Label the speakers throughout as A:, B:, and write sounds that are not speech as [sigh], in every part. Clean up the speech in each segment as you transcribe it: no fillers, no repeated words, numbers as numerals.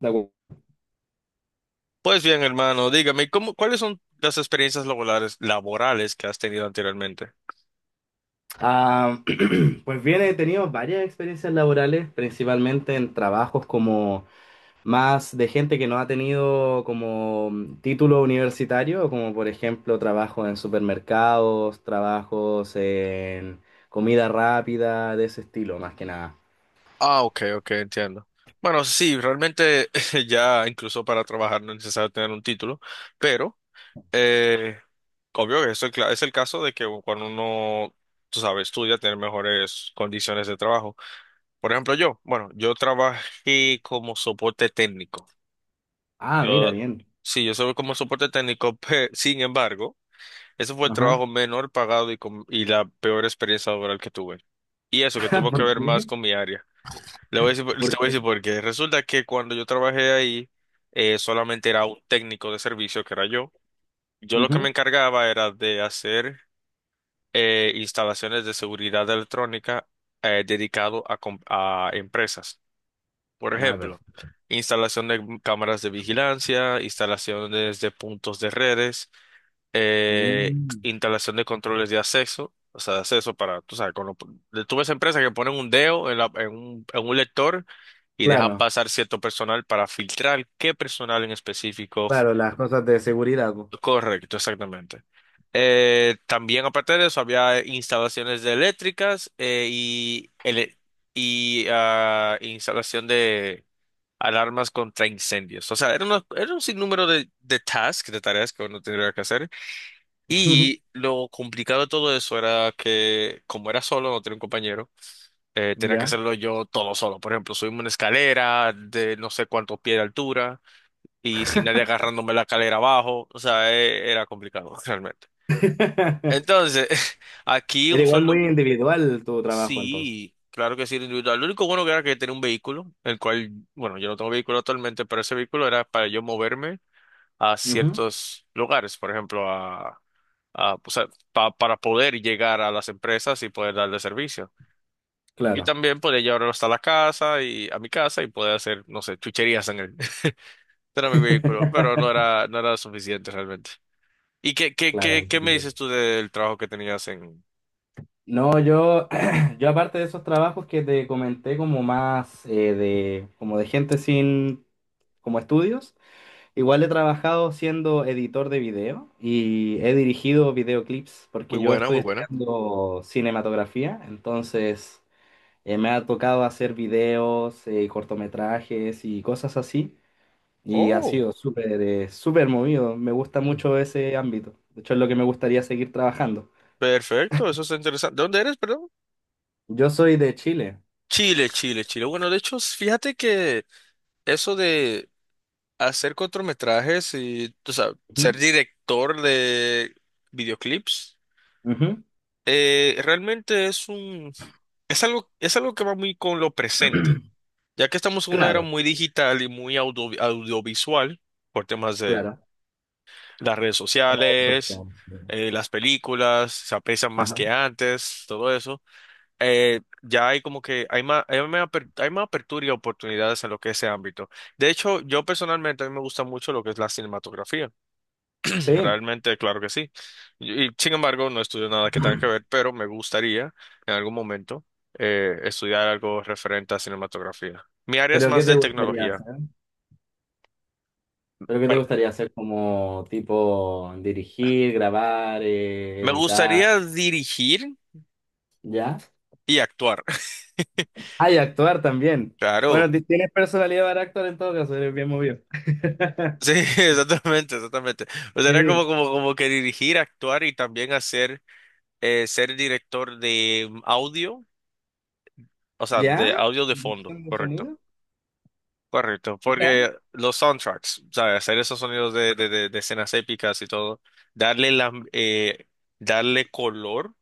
A: De acu-
B: Pues bien, hermano, dígame, ¿cómo, cuáles son las experiencias laborales, que has tenido anteriormente?
A: Ah, [clears throat] pues bien, he tenido varias experiencias laborales, principalmente en trabajos como más de gente que no ha tenido como título universitario, como por ejemplo trabajos en supermercados, trabajos en comida rápida, de ese estilo, más que nada.
B: Ah, ok, ok, entiendo. Bueno, sí, realmente [laughs] ya incluso para trabajar no es necesario tener un título, pero eh, obvio que eso es es el caso de que cuando uno, tú sabes, estudia, tener mejores condiciones de trabajo. Por ejemplo, yo, bueno, yo trabajé como soporte técnico.
A: Ah, mira,
B: Yo,
A: bien.
B: sí, yo soy como soporte técnico, [laughs] sin embargo. Ese fue el
A: Ajá.
B: trabajo menor pagado y la peor experiencia laboral que tuve. Y eso, que
A: [laughs]
B: tuvo que
A: ¿Por
B: ver más
A: qué?
B: con mi área. Le voy a decir, te
A: ¿Por
B: voy a
A: qué?
B: decir por qué. Resulta que cuando yo trabajé ahí, solamente era un técnico de servicio, que era yo. Yo lo que me
A: Ujú.
B: encargaba era de hacer instalaciones de seguridad electrónica dedicado a empresas. Por
A: Ah,
B: ejemplo,
A: perfecto.
B: instalación de cámaras de vigilancia, instalaciones de puntos de redes
A: Mm.
B: instalación de controles de acceso, o sea, de acceso para, tú sabes, tú ves empresas que ponen un dedo en en un lector y deja
A: Claro,
B: pasar cierto personal para filtrar qué personal en específico.
A: claro, las cosas de seguridad. Po.
B: Correcto, exactamente. También aparte de eso había instalaciones de eléctricas y instalación de alarmas contra incendios. O sea, era un sinnúmero de tasks, de tareas que uno tendría que hacer. Y
A: [laughs]
B: lo complicado de todo eso era que, como era solo, no tenía un compañero, tenía que
A: Ya.
B: hacerlo yo todo solo. Por ejemplo, subimos una escalera de no sé cuántos pies de altura y sin nadie agarrándome la escalera abajo. O sea, era complicado [laughs] realmente.
A: [laughs]
B: Entonces, [laughs] aquí
A: Era
B: un
A: igual
B: sueldo,
A: muy individual tu trabajo entonces.
B: sí, claro que sí, era individual. Lo único bueno que era que tenía un vehículo, el cual, bueno, yo no tengo vehículo actualmente, pero ese vehículo era para yo moverme a
A: Ujú.
B: ciertos lugares, por ejemplo, o sea, para poder llegar a las empresas y poder darle servicio. Y
A: Claro.
B: también podía llevarlo hasta la casa y a mi casa y poder hacer, no sé, chucherías en él. [laughs] Era mi vehículo, pero no era suficiente realmente. ¿Y
A: Claro,
B: qué me
A: entiendo.
B: dices tú del trabajo que tenías en...
A: No, yo, [clears throat] yo aparte de esos trabajos que te comenté como más de, como de gente sin, como estudios, igual he trabajado siendo editor de video y he dirigido videoclips
B: Muy
A: porque yo
B: buena,
A: estoy
B: muy buena.
A: estudiando cinematografía, entonces me ha tocado hacer videos, y cortometrajes y cosas así. Y ha
B: Oh,
A: sido súper, súper movido. Me gusta
B: mm,
A: mucho ese ámbito. De hecho, es lo que me gustaría seguir trabajando.
B: perfecto, eso es interesante. ¿De dónde eres, perdón?
A: Yo soy de Chile.
B: Chile, Chile, Chile. Bueno, de hecho, fíjate que eso de hacer cortometrajes y, o sea, ser
A: Ujú,
B: director de videoclips,
A: ujú.
B: realmente es algo que va muy con lo presente,
A: [clears throat]
B: ya que estamos en una era
A: Claro,
B: muy digital y muy audiovisual por temas de
A: claro.
B: las redes
A: Redes
B: sociales,
A: sociales, sí.
B: las películas, se aprecian más
A: Ajá.
B: que antes, todo eso. Ya hay como que hay más apertura y oportunidades en lo que es ese ámbito. De hecho, yo personalmente a mí me gusta mucho lo que es la cinematografía.
A: Sí,
B: Realmente, claro que sí. Y sin embargo, no estudio nada que tenga que
A: [clears throat]
B: ver, pero me gustaría en algún momento estudiar algo referente a cinematografía. Mi área es
A: pero ¿qué
B: más
A: te
B: de
A: gustaría
B: tecnología,
A: hacer? ¿Pero qué te
B: pero
A: gustaría hacer como tipo dirigir, grabar,
B: me
A: editar?
B: gustaría dirigir
A: ¿Ya?
B: y actuar. [laughs]
A: Ah, y actuar también. Bueno,
B: Claro.
A: tienes personalidad para actuar en todo caso, eres bien movido. [laughs]
B: Sí, [laughs] exactamente, exactamente. O sea, era
A: Sí.
B: como que dirigir, actuar y también hacer, ser director de audio, o sea, de
A: ¿Ya?
B: audio de fondo,
A: ¿Edición de
B: correcto.
A: sonido?
B: Correcto, porque los soundtracks, o sea, hacer esos sonidos de escenas épicas y todo, darle la, eh, darle color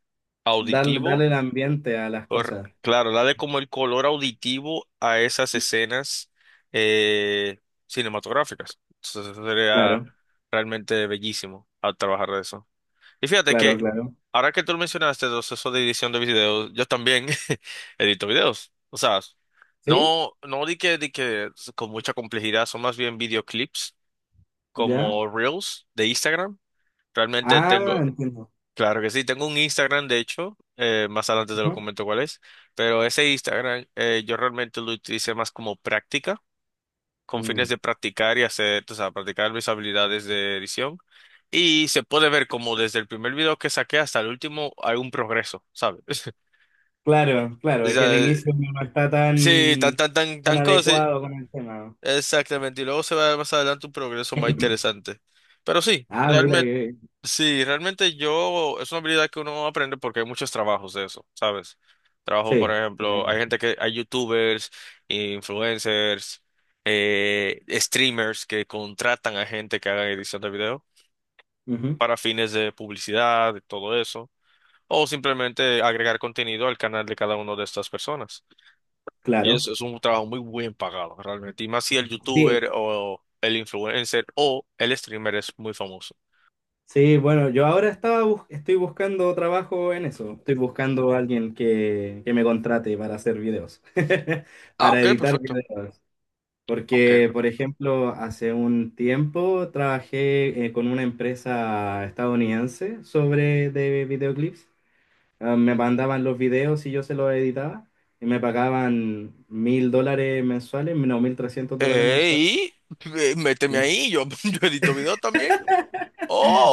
A: Darle, darle
B: auditivo,
A: el ambiente a las cosas.
B: claro, darle como el color auditivo a esas escenas eh, cinematográficas. Entonces, eso sería
A: Claro,
B: realmente bellísimo al trabajar de eso. Y fíjate
A: claro,
B: que
A: claro.
B: ahora que tú lo mencionaste, eso de edición de videos, yo también [laughs] edito videos. O sea,
A: ¿Sí?
B: no, no di que, di que con mucha complejidad, son más bien videoclips
A: ¿Ya?
B: como Reels de Instagram. Realmente
A: Ah,
B: tengo,
A: entiendo.
B: claro que sí, tengo un Instagram, de hecho, más adelante te lo
A: Ujú.
B: comento cuál es, pero ese Instagram yo realmente lo utilicé más como práctica con fines
A: Mm.
B: de practicar y hacer, o sea, practicar mis habilidades de edición. Y se puede ver como desde el primer video que saqué hasta el último hay un progreso, ¿sabes? [laughs]
A: Claro, claro,
B: O
A: es que el
B: sea,
A: inicio no está
B: sí,
A: tan, tan
B: tan cosas. Sí,
A: adecuado con el tema.
B: exactamente. Y luego se va a ver más adelante un progreso más
A: [clears throat]
B: interesante. Pero sí,
A: Ah, mira
B: realmente.
A: que...
B: Sí, realmente yo, es una habilidad que uno aprende porque hay muchos trabajos de eso, ¿sabes? Trabajo, por
A: Sí.
B: ejemplo, hay youtubers, influencers, streamers que contratan a gente que haga edición de video
A: Ujú.
B: para fines de publicidad y todo eso, o simplemente agregar contenido al canal de cada una de estas personas. Y
A: Claro.
B: eso es un trabajo muy bien pagado, realmente. Y más si el
A: Sí,
B: youtuber o el influencer o el streamer es muy famoso.
A: sí, bueno, yo ahora estaba estoy buscando trabajo en eso. Estoy buscando a alguien que me contrate para hacer videos, [laughs] para editar videos. Porque, por ejemplo, hace un tiempo trabajé con una empresa estadounidense sobre de videoclips. Ah, me mandaban los videos y yo se los editaba y me pagaban $1.000 mensuales, no, $1.300
B: Eh,
A: mensuales.
B: y méteme
A: Sí.
B: ahí, yo, [laughs] yo edito videos también.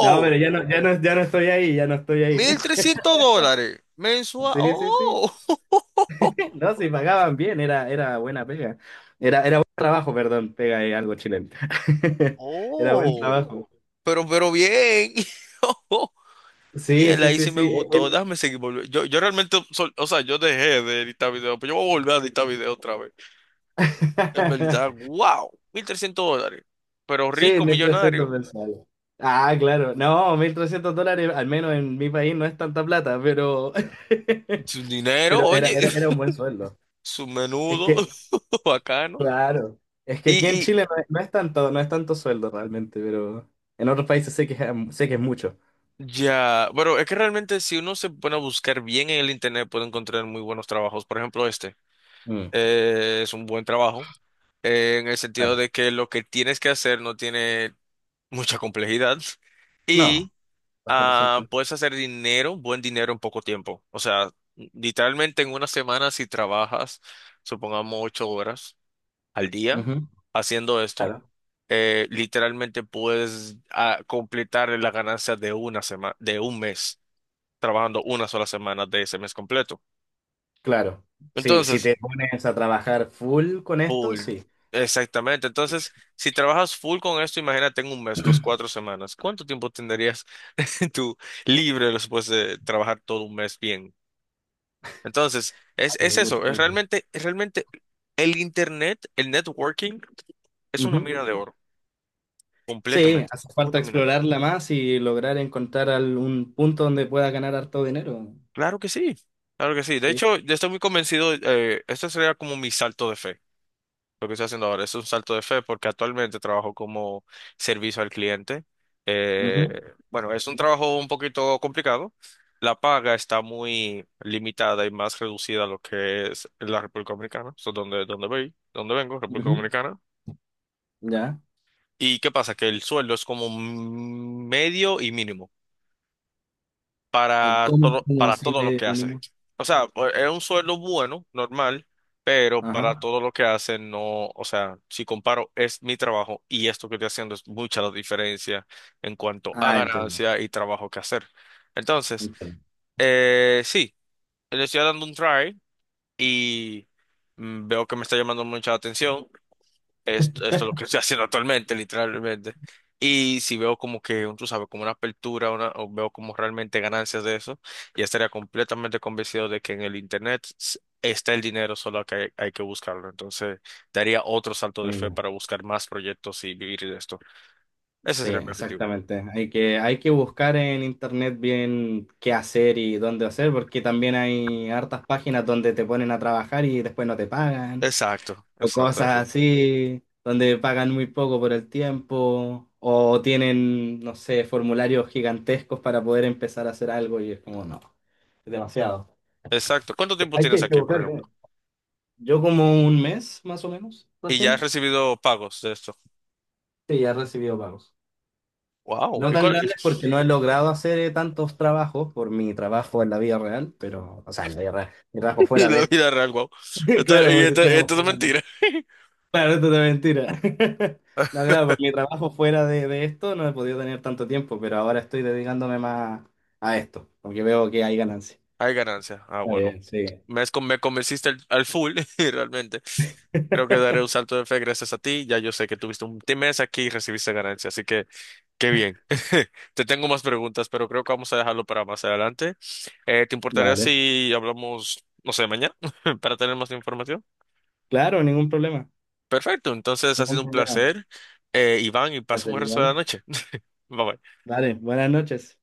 A: No, pero ya no, ya no, ya no estoy ahí, ya no estoy ahí.
B: mil
A: [laughs]
B: trescientos dólares mensual.
A: Sí, sí, sí.
B: Oh, [laughs]
A: No, sí, pagaban bien, era, era buena pega. Era, era buen trabajo, perdón, pega es algo chileno. [laughs] Era buen
B: oh,
A: trabajo.
B: pero bien. [laughs] Y
A: Sí,
B: él
A: sí,
B: ahí
A: sí,
B: sí me
A: sí.
B: gustó. Déjame seguir volviendo. Yo realmente, o sea, yo dejé de editar videos, pero yo voy a volver a editar videos otra vez. En verdad,
A: [laughs]
B: wow, $1,300. Pero
A: Sí,
B: rico,
A: 1.300
B: millonario.
A: mensuales. Ah, claro. No, $1.300, al menos en mi país, no es tanta plata, pero, [laughs]
B: Su dinero,
A: pero era,
B: oye,
A: era, era un buen sueldo.
B: [laughs] su
A: Es
B: menudo,
A: que,
B: [laughs] bacano.
A: claro, es que aquí en
B: Y,
A: Chile no es, no es tanto, no es tanto sueldo realmente, pero en otros países sé que es mucho.
B: Ya, bueno, es que realmente si uno se pone a buscar bien en el internet puede encontrar muy buenos trabajos. Por ejemplo, este
A: Mm,
B: es un buen trabajo en el sentido
A: claro.
B: de que lo que tienes que hacer no tiene mucha complejidad [laughs]
A: No,
B: y
A: bastante simple.
B: puedes hacer dinero, buen dinero en poco tiempo. O sea, literalmente en una semana si trabajas, supongamos 8 horas al día
A: Ujú.
B: haciendo esto,
A: Claro,
B: literalmente puedes completar la ganancia de una semana, de un mes trabajando una sola semana de ese mes completo.
A: claro. Sí, si
B: Entonces,
A: te pones a trabajar full con esto,
B: full.
A: sí.
B: Exactamente. Entonces, si trabajas full con esto, imagínate en un
A: [clears throat]
B: mes, dos,
A: Va
B: cuatro semanas. ¿Cuánto tiempo tendrías [laughs] tú libre después de trabajar todo un mes bien? Entonces,
A: a
B: es
A: tener mucho
B: eso.
A: tiempo.
B: Es realmente el internet, el networking, es una mina de oro.
A: Sí,
B: Completamente.
A: hace falta
B: Una mina de oro.
A: explorarla más y lograr encontrar algún punto donde pueda ganar harto dinero.
B: Claro que sí. Claro que sí. De
A: Sí.
B: hecho, yo estoy muy convencido. Este sería como mi salto de fe. Lo que estoy haciendo ahora es un salto de fe porque actualmente trabajo como servicio al cliente. Eh,
A: Ujú,
B: bueno, es un trabajo un poquito complicado. La paga está muy limitada y más reducida a lo que es la República Dominicana, so, donde, donde voy, donde vengo, República
A: ujú.
B: Dominicana.
A: Ya.
B: ¿Y qué pasa? Que el sueldo es como medio y mínimo,
A: O ¿cómo, cómo
B: para
A: así
B: todo lo
A: medio
B: que hacen.
A: mínimo?
B: O sea, pues, es un sueldo bueno, normal, pero
A: Ajá.
B: para todo lo que hacen, no, o sea, si comparo, es mi trabajo y esto que estoy haciendo es mucha la diferencia en cuanto a
A: Ah, entiendo.
B: ganancia y trabajo que hacer. Entonces,
A: Entiendo.
B: sí, le estoy dando un try y mm, veo que me está llamando mucha la atención. Esto es lo que [laughs] estoy haciendo actualmente, literalmente. Y si veo como que, tú sabes, como una apertura, una, o veo como realmente ganancias de eso, ya estaría completamente convencido de que en el Internet está el dinero, solo que hay que buscarlo. Entonces, daría otro salto de fe
A: Mínimo.
B: para buscar más proyectos y vivir de esto. Ese
A: Sí,
B: sería mi objetivo.
A: exactamente. Hay que buscar en internet bien qué hacer y dónde hacer, porque también hay hartas páginas donde te ponen a trabajar y después no te pagan.
B: Exacto,
A: O
B: exacto,
A: cosas
B: exacto.
A: así, donde pagan muy poco por el tiempo, o tienen, no sé, formularios gigantescos para poder empezar a hacer algo y es como, no, es demasiado.
B: Exacto. ¿Cuánto tiempo
A: Hay que
B: tienes aquí, por ejemplo?
A: equivocarle. Yo como un mes, más o menos,
B: Y ya has
A: recién,
B: recibido pagos de esto.
A: sí, ya he recibido pagos.
B: Wow.
A: No
B: ¿Y
A: tan
B: cuál?
A: grandes porque no he
B: [laughs]
A: logrado hacer tantos trabajos por mi trabajo en la vida real, pero, o sea, en la vida real, mi trabajo
B: Y
A: fuera de
B: la
A: esto.
B: vida real, wow.
A: [laughs] Claro, como si estuviéramos
B: Esto es
A: jugando.
B: mentira.
A: Claro, esto es mentira. [laughs] No,
B: [laughs]
A: claro, por mi trabajo fuera de esto no he podido tener tanto tiempo, pero ahora estoy dedicándome más a esto, porque veo que hay ganancia.
B: Hay ganancia. Ah,
A: Está
B: bueno.
A: bien, sí.
B: Me convenciste al full, [laughs] y realmente. Creo que
A: [laughs]
B: daré un salto de fe gracias a ti. Ya yo sé que tuviste un mes aquí y recibiste ganancia, así que qué bien. [laughs] Te tengo más preguntas, pero creo que vamos a dejarlo para más adelante. ¿Te importaría
A: Dale.
B: si hablamos, no sé, mañana [laughs] para tener más información?
A: Claro, ningún problema.
B: Perfecto, entonces ha
A: Ningún
B: sido un
A: problema.
B: placer, Iván, y
A: Va a
B: pasa un
A: ser
B: buen resto de
A: igual.
B: la noche. [laughs] Bye bye.
A: Dale, buenas noches.